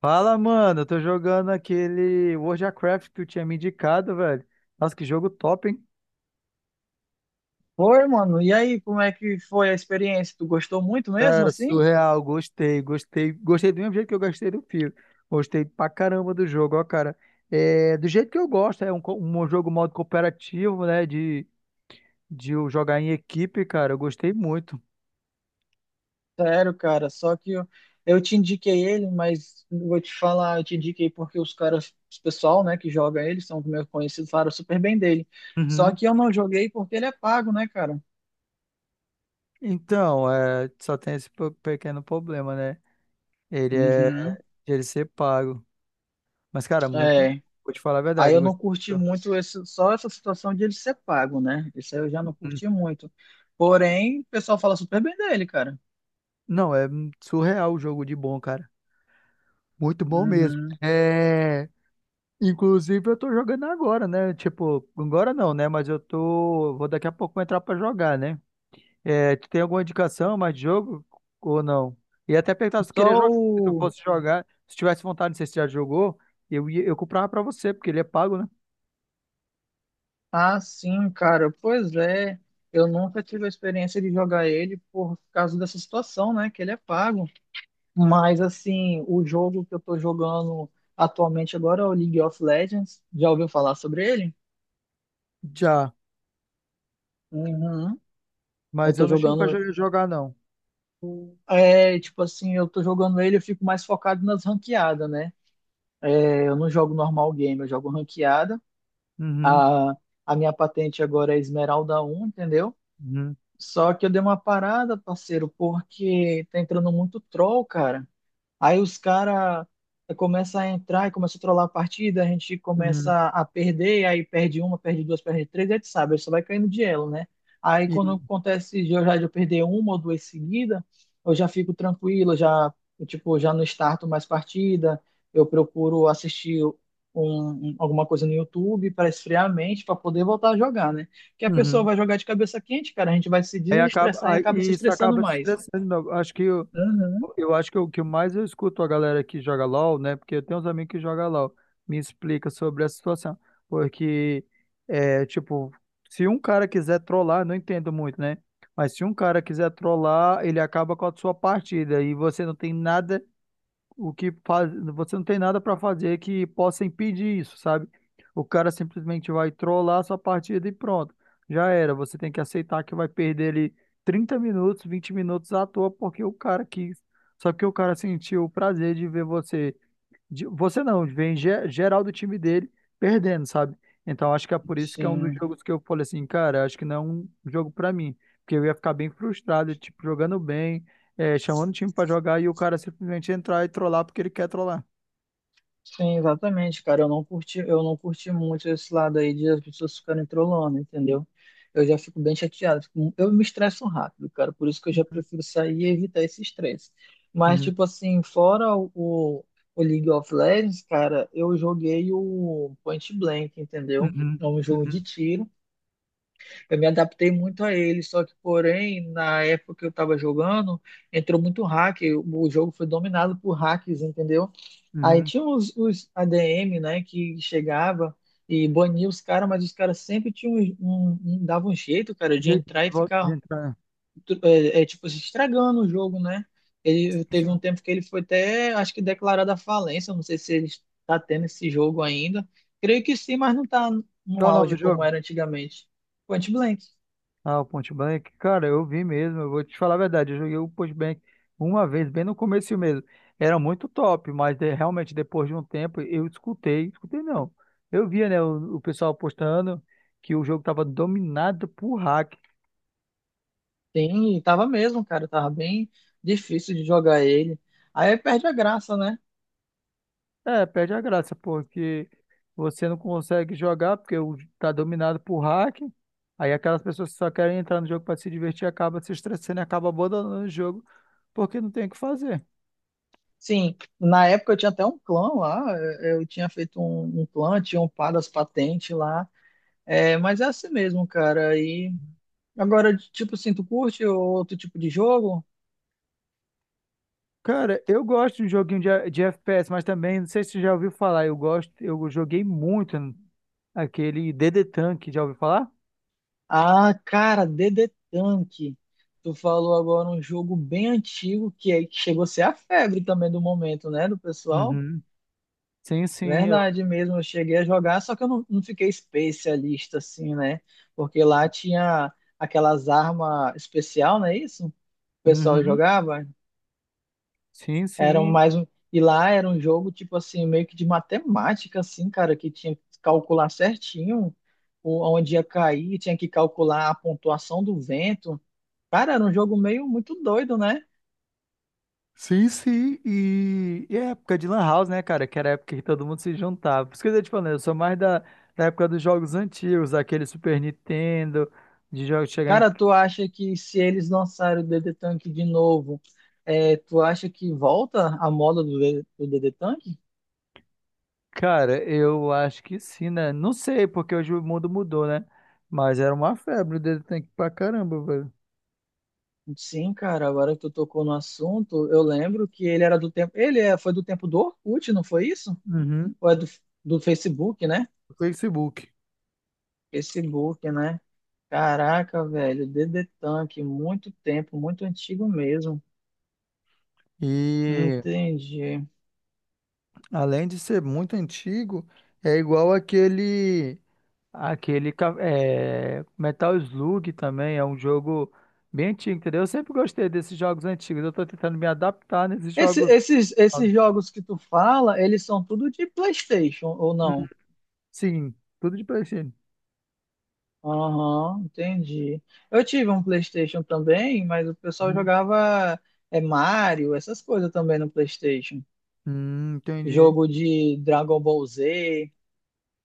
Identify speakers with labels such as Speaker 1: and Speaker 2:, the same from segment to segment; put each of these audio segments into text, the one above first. Speaker 1: Fala, mano. Eu tô jogando aquele World of Warcraft que tu tinha me indicado, velho. Nossa, que jogo top, hein?
Speaker 2: Foi, mano. E aí, como é que foi a experiência? Tu gostou muito mesmo,
Speaker 1: Cara,
Speaker 2: assim?
Speaker 1: surreal. Gostei. Gostei do mesmo jeito que eu gostei do filme. Gostei pra caramba do jogo, ó, cara. É, do jeito que eu gosto, é um jogo modo cooperativo, né? De eu jogar em equipe, cara. Eu gostei muito.
Speaker 2: Sério, cara. Só que eu te indiquei ele, mas vou te falar, eu te indiquei porque os pessoal, né, que joga ele, são meus conhecidos, falaram super bem dele. Só
Speaker 1: Uhum.
Speaker 2: que eu não joguei porque ele é pago, né, cara?
Speaker 1: Então, é, só tem esse pequeno problema, né? Ele é
Speaker 2: Uhum.
Speaker 1: de ele ser pago. Mas, cara, muito.
Speaker 2: É.
Speaker 1: Vou te falar a
Speaker 2: Aí
Speaker 1: verdade, eu
Speaker 2: eu não
Speaker 1: gostei.
Speaker 2: curti muito esse, só essa situação de ele ser pago, né? Isso aí eu já não
Speaker 1: Muito.
Speaker 2: curti muito. Porém, o pessoal fala super bem dele, cara.
Speaker 1: Não, é surreal o jogo de bom, cara. Muito bom mesmo.
Speaker 2: Uhum.
Speaker 1: É, inclusive eu tô jogando agora, né? Tipo, agora não, né? Mas eu tô, vou daqui a pouco entrar pra jogar, né? É, tu tem alguma indicação mais de jogo ou não? E até perguntar se tu
Speaker 2: Só
Speaker 1: queria jogar, se tu
Speaker 2: o
Speaker 1: fosse jogar, se tivesse vontade, não sei se já jogou, eu ia, eu comprava pra você, porque ele é pago, né?
Speaker 2: ah, sim, cara. Pois é. Eu nunca tive a experiência de jogar ele por causa dessa situação, né? Que ele é pago. Mas, assim, o jogo que eu tô jogando atualmente agora é o League of Legends. Já ouviu falar sobre ele?
Speaker 1: Já,
Speaker 2: Uhum. Eu
Speaker 1: mas
Speaker 2: tô
Speaker 1: eu não chego pra
Speaker 2: jogando.
Speaker 1: jogar não.
Speaker 2: É, tipo assim, eu tô jogando ele, eu fico mais focado nas ranqueadas, né? Eu não jogo normal game, eu jogo ranqueada.
Speaker 1: Uhum,
Speaker 2: A, a minha patente agora é Esmeralda um, entendeu?
Speaker 1: uhum,
Speaker 2: Só que eu dei uma parada, parceiro, porque tá entrando muito troll, cara. Aí os caras começam a entrar e começam a trollar a partida, a gente
Speaker 1: uhum.
Speaker 2: começa a perder, aí perde uma, perde duas, perde três, e a gente sabe, aí só vai caindo de elo, né? Aí
Speaker 1: E-
Speaker 2: quando acontece de eu perder uma ou duas seguidas, eu já fico tranquilo, eu já não starto mais partida, eu procuro assistir alguma coisa no YouTube para esfriar a mente, para poder voltar a jogar, né? Porque a pessoa
Speaker 1: uhum.
Speaker 2: vai jogar de cabeça quente, cara, a gente vai se
Speaker 1: Aí acaba,
Speaker 2: desestressar e
Speaker 1: aí
Speaker 2: acaba se
Speaker 1: isso
Speaker 2: estressando
Speaker 1: acaba se
Speaker 2: mais.
Speaker 1: estressando, meu. Acho que
Speaker 2: Uhum.
Speaker 1: eu acho que o que mais eu escuto a galera que joga LOL, né? Porque eu tenho uns amigos que jogam LOL, me explica sobre a situação. Porque, é, tipo, se um cara quiser trollar, não entendo muito, né? Mas se um cara quiser trollar, ele acaba com a sua partida e você não tem nada o que faz, você não tem nada para fazer que possa impedir isso, sabe? O cara simplesmente vai trollar a sua partida e pronto. Já era, você tem que aceitar que vai perder ali 30 minutos, 20 minutos à toa, porque o cara quis. Só que o cara sentiu o prazer de ver você você não, vem geral do time dele perdendo, sabe? Então acho que é por isso que é um dos
Speaker 2: Sim.
Speaker 1: jogos que eu falei assim, cara, acho que não é um jogo pra mim, porque eu ia ficar bem frustrado, tipo, jogando bem, é, chamando o time pra jogar e o cara simplesmente entrar e trollar porque ele quer trollar.
Speaker 2: Sim, exatamente, cara. Eu não curti muito esse lado aí de as pessoas ficarem trolando, entendeu? Eu já fico bem chateado. Eu me estresso rápido, cara. Por isso que eu já
Speaker 1: Uhum,
Speaker 2: prefiro sair e evitar esse estresse. Mas,
Speaker 1: uhum,
Speaker 2: tipo assim, fora o League of Legends, cara, eu joguei o Point Blank, entendeu?
Speaker 1: uhum,
Speaker 2: É um jogo
Speaker 1: uhum,
Speaker 2: de tiro. Eu me adaptei muito a ele, só que, porém, na época que eu estava jogando, entrou muito hack, o jogo foi dominado por hacks, entendeu? Aí
Speaker 1: uhum.
Speaker 2: tinha os ADM, né, que chegava e bania os caras, mas os caras sempre tinham dava um jeito, cara, de
Speaker 1: Gente, de
Speaker 2: entrar e
Speaker 1: volta de
Speaker 2: ficar,
Speaker 1: entrar.
Speaker 2: é, tipo, se estragando o jogo, né? Ele teve um
Speaker 1: Sim.
Speaker 2: tempo que ele foi até, acho que declarado a falência, não sei se ele está tendo esse jogo ainda. Creio que sim, mas não está no
Speaker 1: Qual é o nome do
Speaker 2: auge como
Speaker 1: jogo?
Speaker 2: era antigamente. Point Blank.
Speaker 1: Ah, o Point Blank, cara, eu vi mesmo, eu vou te falar a verdade, eu joguei o Point Blank uma vez, bem no começo mesmo. Era muito top, mas realmente depois de um tempo eu escutei, escutei não. Eu via, né, o pessoal postando que o jogo tava dominado por hack.
Speaker 2: Sim, e tava mesmo, cara, tava bem difícil de jogar ele. Aí perde a graça, né?
Speaker 1: É, perde a graça, porque você não consegue jogar porque tá dominado por hack. Aí aquelas pessoas que só querem entrar no jogo para se divertir acaba se estressando e acaba abandonando o jogo porque não tem o que fazer.
Speaker 2: Sim, na época eu tinha até um clã lá, eu tinha feito um clã, tinha upado as patentes lá, é, mas é assim mesmo, cara. E agora, tipo assim, tu curte outro tipo de jogo?
Speaker 1: Cara, eu gosto de um joguinho de FPS, mas também, não sei se você já ouviu falar, eu gosto, eu joguei muito aquele DD Tank, já ouviu falar?
Speaker 2: Ah, cara, DD Tank. Tu falou agora um jogo bem antigo que, é, que chegou a ser a febre também do momento, né, do pessoal?
Speaker 1: Uhum. Sim, sim, eu...
Speaker 2: Verdade mesmo, eu cheguei a jogar, só que eu não fiquei especialista assim, né? Porque lá tinha aquelas armas especial, não é isso? O pessoal
Speaker 1: Uhum.
Speaker 2: jogava.
Speaker 1: Sim,
Speaker 2: Era um
Speaker 1: sim.
Speaker 2: mais um, e lá era um jogo tipo assim, meio que de matemática assim, cara, que tinha que calcular certinho onde ia cair, tinha que calcular a pontuação do vento. Cara, era um jogo meio muito doido, né?
Speaker 1: Sim, sim. E é época de Lan House, né, cara? Que era a época que todo mundo se juntava. Por isso que eu tô te falando, eu sou mais da época dos jogos antigos, aquele Super Nintendo, de jogos chegar em,
Speaker 2: Cara, tu acha que se eles lançarem o DD Tank de novo, é, tu acha que volta a moda do DD Tank?
Speaker 1: cara, eu acho que sim, né? Não sei, porque hoje o mundo mudou, né? Mas era uma febre dele tem que pra caramba, velho.
Speaker 2: Sim, cara, agora que tu tocou no assunto, eu lembro que ele era do tempo. Ele foi do tempo do Orkut, não foi isso?
Speaker 1: Uhum.
Speaker 2: Ou é do Facebook, né?
Speaker 1: Facebook.
Speaker 2: Facebook, né? Caraca, velho, DD Tank, muito tempo, muito antigo mesmo.
Speaker 1: E
Speaker 2: Entendi.
Speaker 1: além de ser muito antigo, é igual aquele é, Metal Slug também, é um jogo bem antigo, entendeu? Eu sempre gostei desses jogos antigos. Eu tô tentando me adaptar nesses
Speaker 2: Esse-
Speaker 1: jogos
Speaker 2: esses, esses
Speaker 1: novos.
Speaker 2: jogos que tu fala, eles são tudo de PlayStation ou
Speaker 1: Uhum.
Speaker 2: não?
Speaker 1: Sim, tudo de PlayStation.
Speaker 2: Aham, entendi. Eu tive um PlayStation também, mas o pessoal
Speaker 1: Uhum.
Speaker 2: jogava é, Mario, essas coisas também no PlayStation.
Speaker 1: Entendi.
Speaker 2: Jogo de Dragon Ball Z,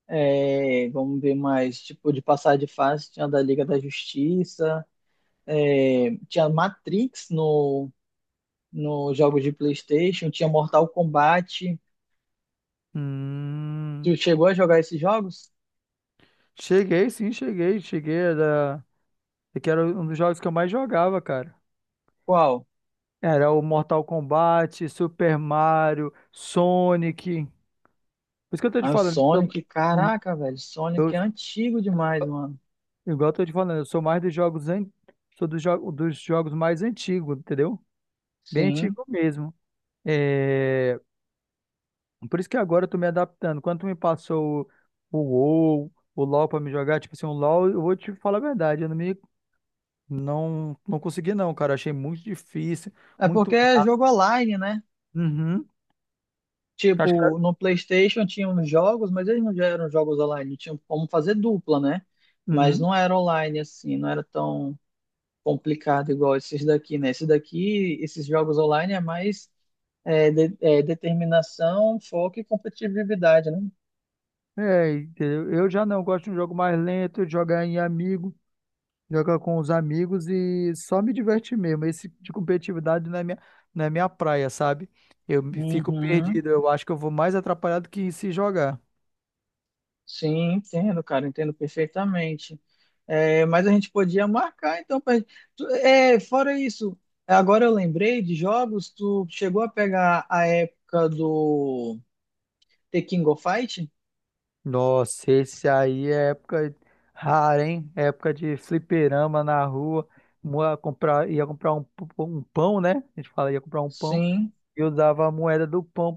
Speaker 2: é, vamos ver mais, tipo, de passar de fase, tinha da Liga da Justiça, é, tinha Matrix no jogo de PlayStation, tinha Mortal Kombat.
Speaker 1: Hum.
Speaker 2: Tu chegou a jogar esses jogos?
Speaker 1: Cheguei, sim, cheguei. Cheguei, era... é que era um dos jogos que eu mais jogava, cara.
Speaker 2: Qual?
Speaker 1: Era o Mortal Kombat, Super Mario, Sonic. Por isso que eu tô te
Speaker 2: Ah, o
Speaker 1: falando, eu sou...
Speaker 2: Sonic, caraca, velho,
Speaker 1: eu-
Speaker 2: Sonic é antigo demais, mano.
Speaker 1: igual eu tô te falando, eu sou mais dos jogos, an... sou dos, jo... dos jogos mais antigos, entendeu? Bem
Speaker 2: Sim.
Speaker 1: antigo mesmo. É... Por isso que agora eu tô me adaptando. Quando tu me passou o WoW, o LoL pra me jogar, tipo assim, o LoL, eu vou te falar a verdade, eu não me... Não, não consegui não, cara. Achei muito difícil,
Speaker 2: É porque
Speaker 1: muito.
Speaker 2: é jogo online, né?
Speaker 1: Uhum. Acho
Speaker 2: Tipo,
Speaker 1: que
Speaker 2: no PlayStation tinha uns jogos, mas eles não já eram jogos online. Tinham como fazer dupla, né? Mas
Speaker 1: uhum.
Speaker 2: não era online assim, não era tão complicado igual esses daqui, né? Esses daqui, esses jogos online é mais é, é, determinação, foco e competitividade, né?
Speaker 1: É, entendeu? Eu já não gosto de um jogo mais lento, de jogar em amigo, jogar com os amigos e só me divertir mesmo. Esse tipo de competitividade não é minha, não é minha praia, sabe? Fico
Speaker 2: Uhum.
Speaker 1: perdido, eu acho que eu vou mais atrapalhado que se jogar.
Speaker 2: Sim, entendo, cara, entendo perfeitamente. É, mas a gente podia marcar, então. Pra... É, fora isso, agora eu lembrei de jogos, tu chegou a pegar a época do The King of Fight?
Speaker 1: Nossa, esse aí é época rara, hein? Época de fliperama na rua. Comprar, ia comprar um pão, né? A gente fala, ia comprar um pão.
Speaker 2: Sim,
Speaker 1: E eu dava a moeda do pão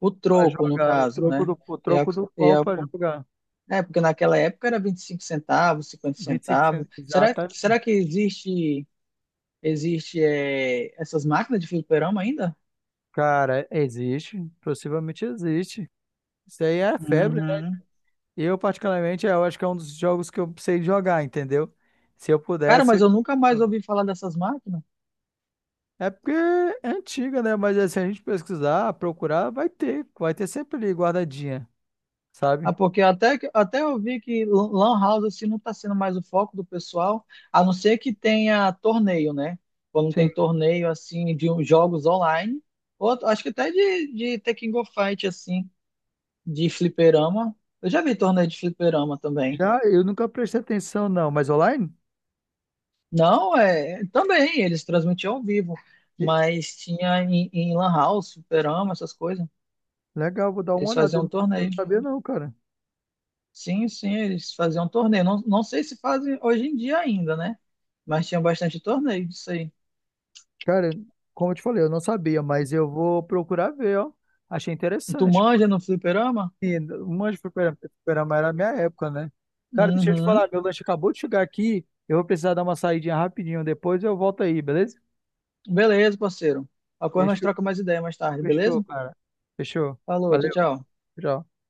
Speaker 2: o
Speaker 1: pra
Speaker 2: troco, no
Speaker 1: jogar o
Speaker 2: caso, né?
Speaker 1: o
Speaker 2: É, a-
Speaker 1: troco do
Speaker 2: é,
Speaker 1: pão
Speaker 2: a-
Speaker 1: pra jogar.
Speaker 2: é, porque naquela época era 25 centavos, 50
Speaker 1: 25
Speaker 2: centavos.
Speaker 1: centavos.
Speaker 2: Será,
Speaker 1: Exata.
Speaker 2: será que existe, existe é, essas máquinas de fliperama ainda?
Speaker 1: Cara, existe. Possivelmente existe. Isso aí é febre, né?
Speaker 2: Uhum.
Speaker 1: Eu, particularmente, eu acho que é um dos jogos que eu sei jogar, entendeu? Se eu
Speaker 2: Cara,
Speaker 1: pudesse.
Speaker 2: mas eu nunca mais
Speaker 1: eu-
Speaker 2: ouvi falar dessas máquinas.
Speaker 1: É porque é antiga, né? Mas assim, se a gente pesquisar, procurar, vai ter. Vai ter sempre ali guardadinha,
Speaker 2: Ah,
Speaker 1: sabe?
Speaker 2: porque até, até eu vi que lan house assim, não está sendo mais o foco do pessoal, a não ser que tenha torneio, né? Quando tem
Speaker 1: Sim.
Speaker 2: torneio assim de uns jogos online, ou acho que até de Tekken Go Fight assim, de fliperama. Eu já vi torneio de fliperama também.
Speaker 1: Já eu nunca prestei atenção, não. Mas online?
Speaker 2: Não, é, também eles transmitiam ao vivo,
Speaker 1: E-
Speaker 2: mas tinha em lan house, fliperama, essas coisas.
Speaker 1: legal, vou dar uma
Speaker 2: Eles
Speaker 1: olhada.
Speaker 2: faziam
Speaker 1: Eu
Speaker 2: torneio.
Speaker 1: não sabia, não, cara.
Speaker 2: Sim, sim, eles faziam torneio. Não, não sei se fazem hoje em dia ainda, né? Mas tinha bastante torneio disso aí.
Speaker 1: Cara, como eu te falei, eu não sabia, mas eu vou procurar ver, ó. Achei
Speaker 2: Tu
Speaker 1: interessante.
Speaker 2: manja no fliperama?
Speaker 1: Porque um monte de fliperama era a minha época, né? Cara, deixa eu te
Speaker 2: Uhum.
Speaker 1: falar, meu lanche acabou de chegar aqui. Eu vou precisar dar uma saidinha rapidinho. Depois eu volto aí, beleza?
Speaker 2: Beleza, parceiro. A coisa nós
Speaker 1: Fechou,
Speaker 2: trocamos mais ideia mais tarde, beleza?
Speaker 1: fechou, cara. Fechou.
Speaker 2: Falou, tchau,
Speaker 1: Valeu,
Speaker 2: tchau.
Speaker 1: tchau.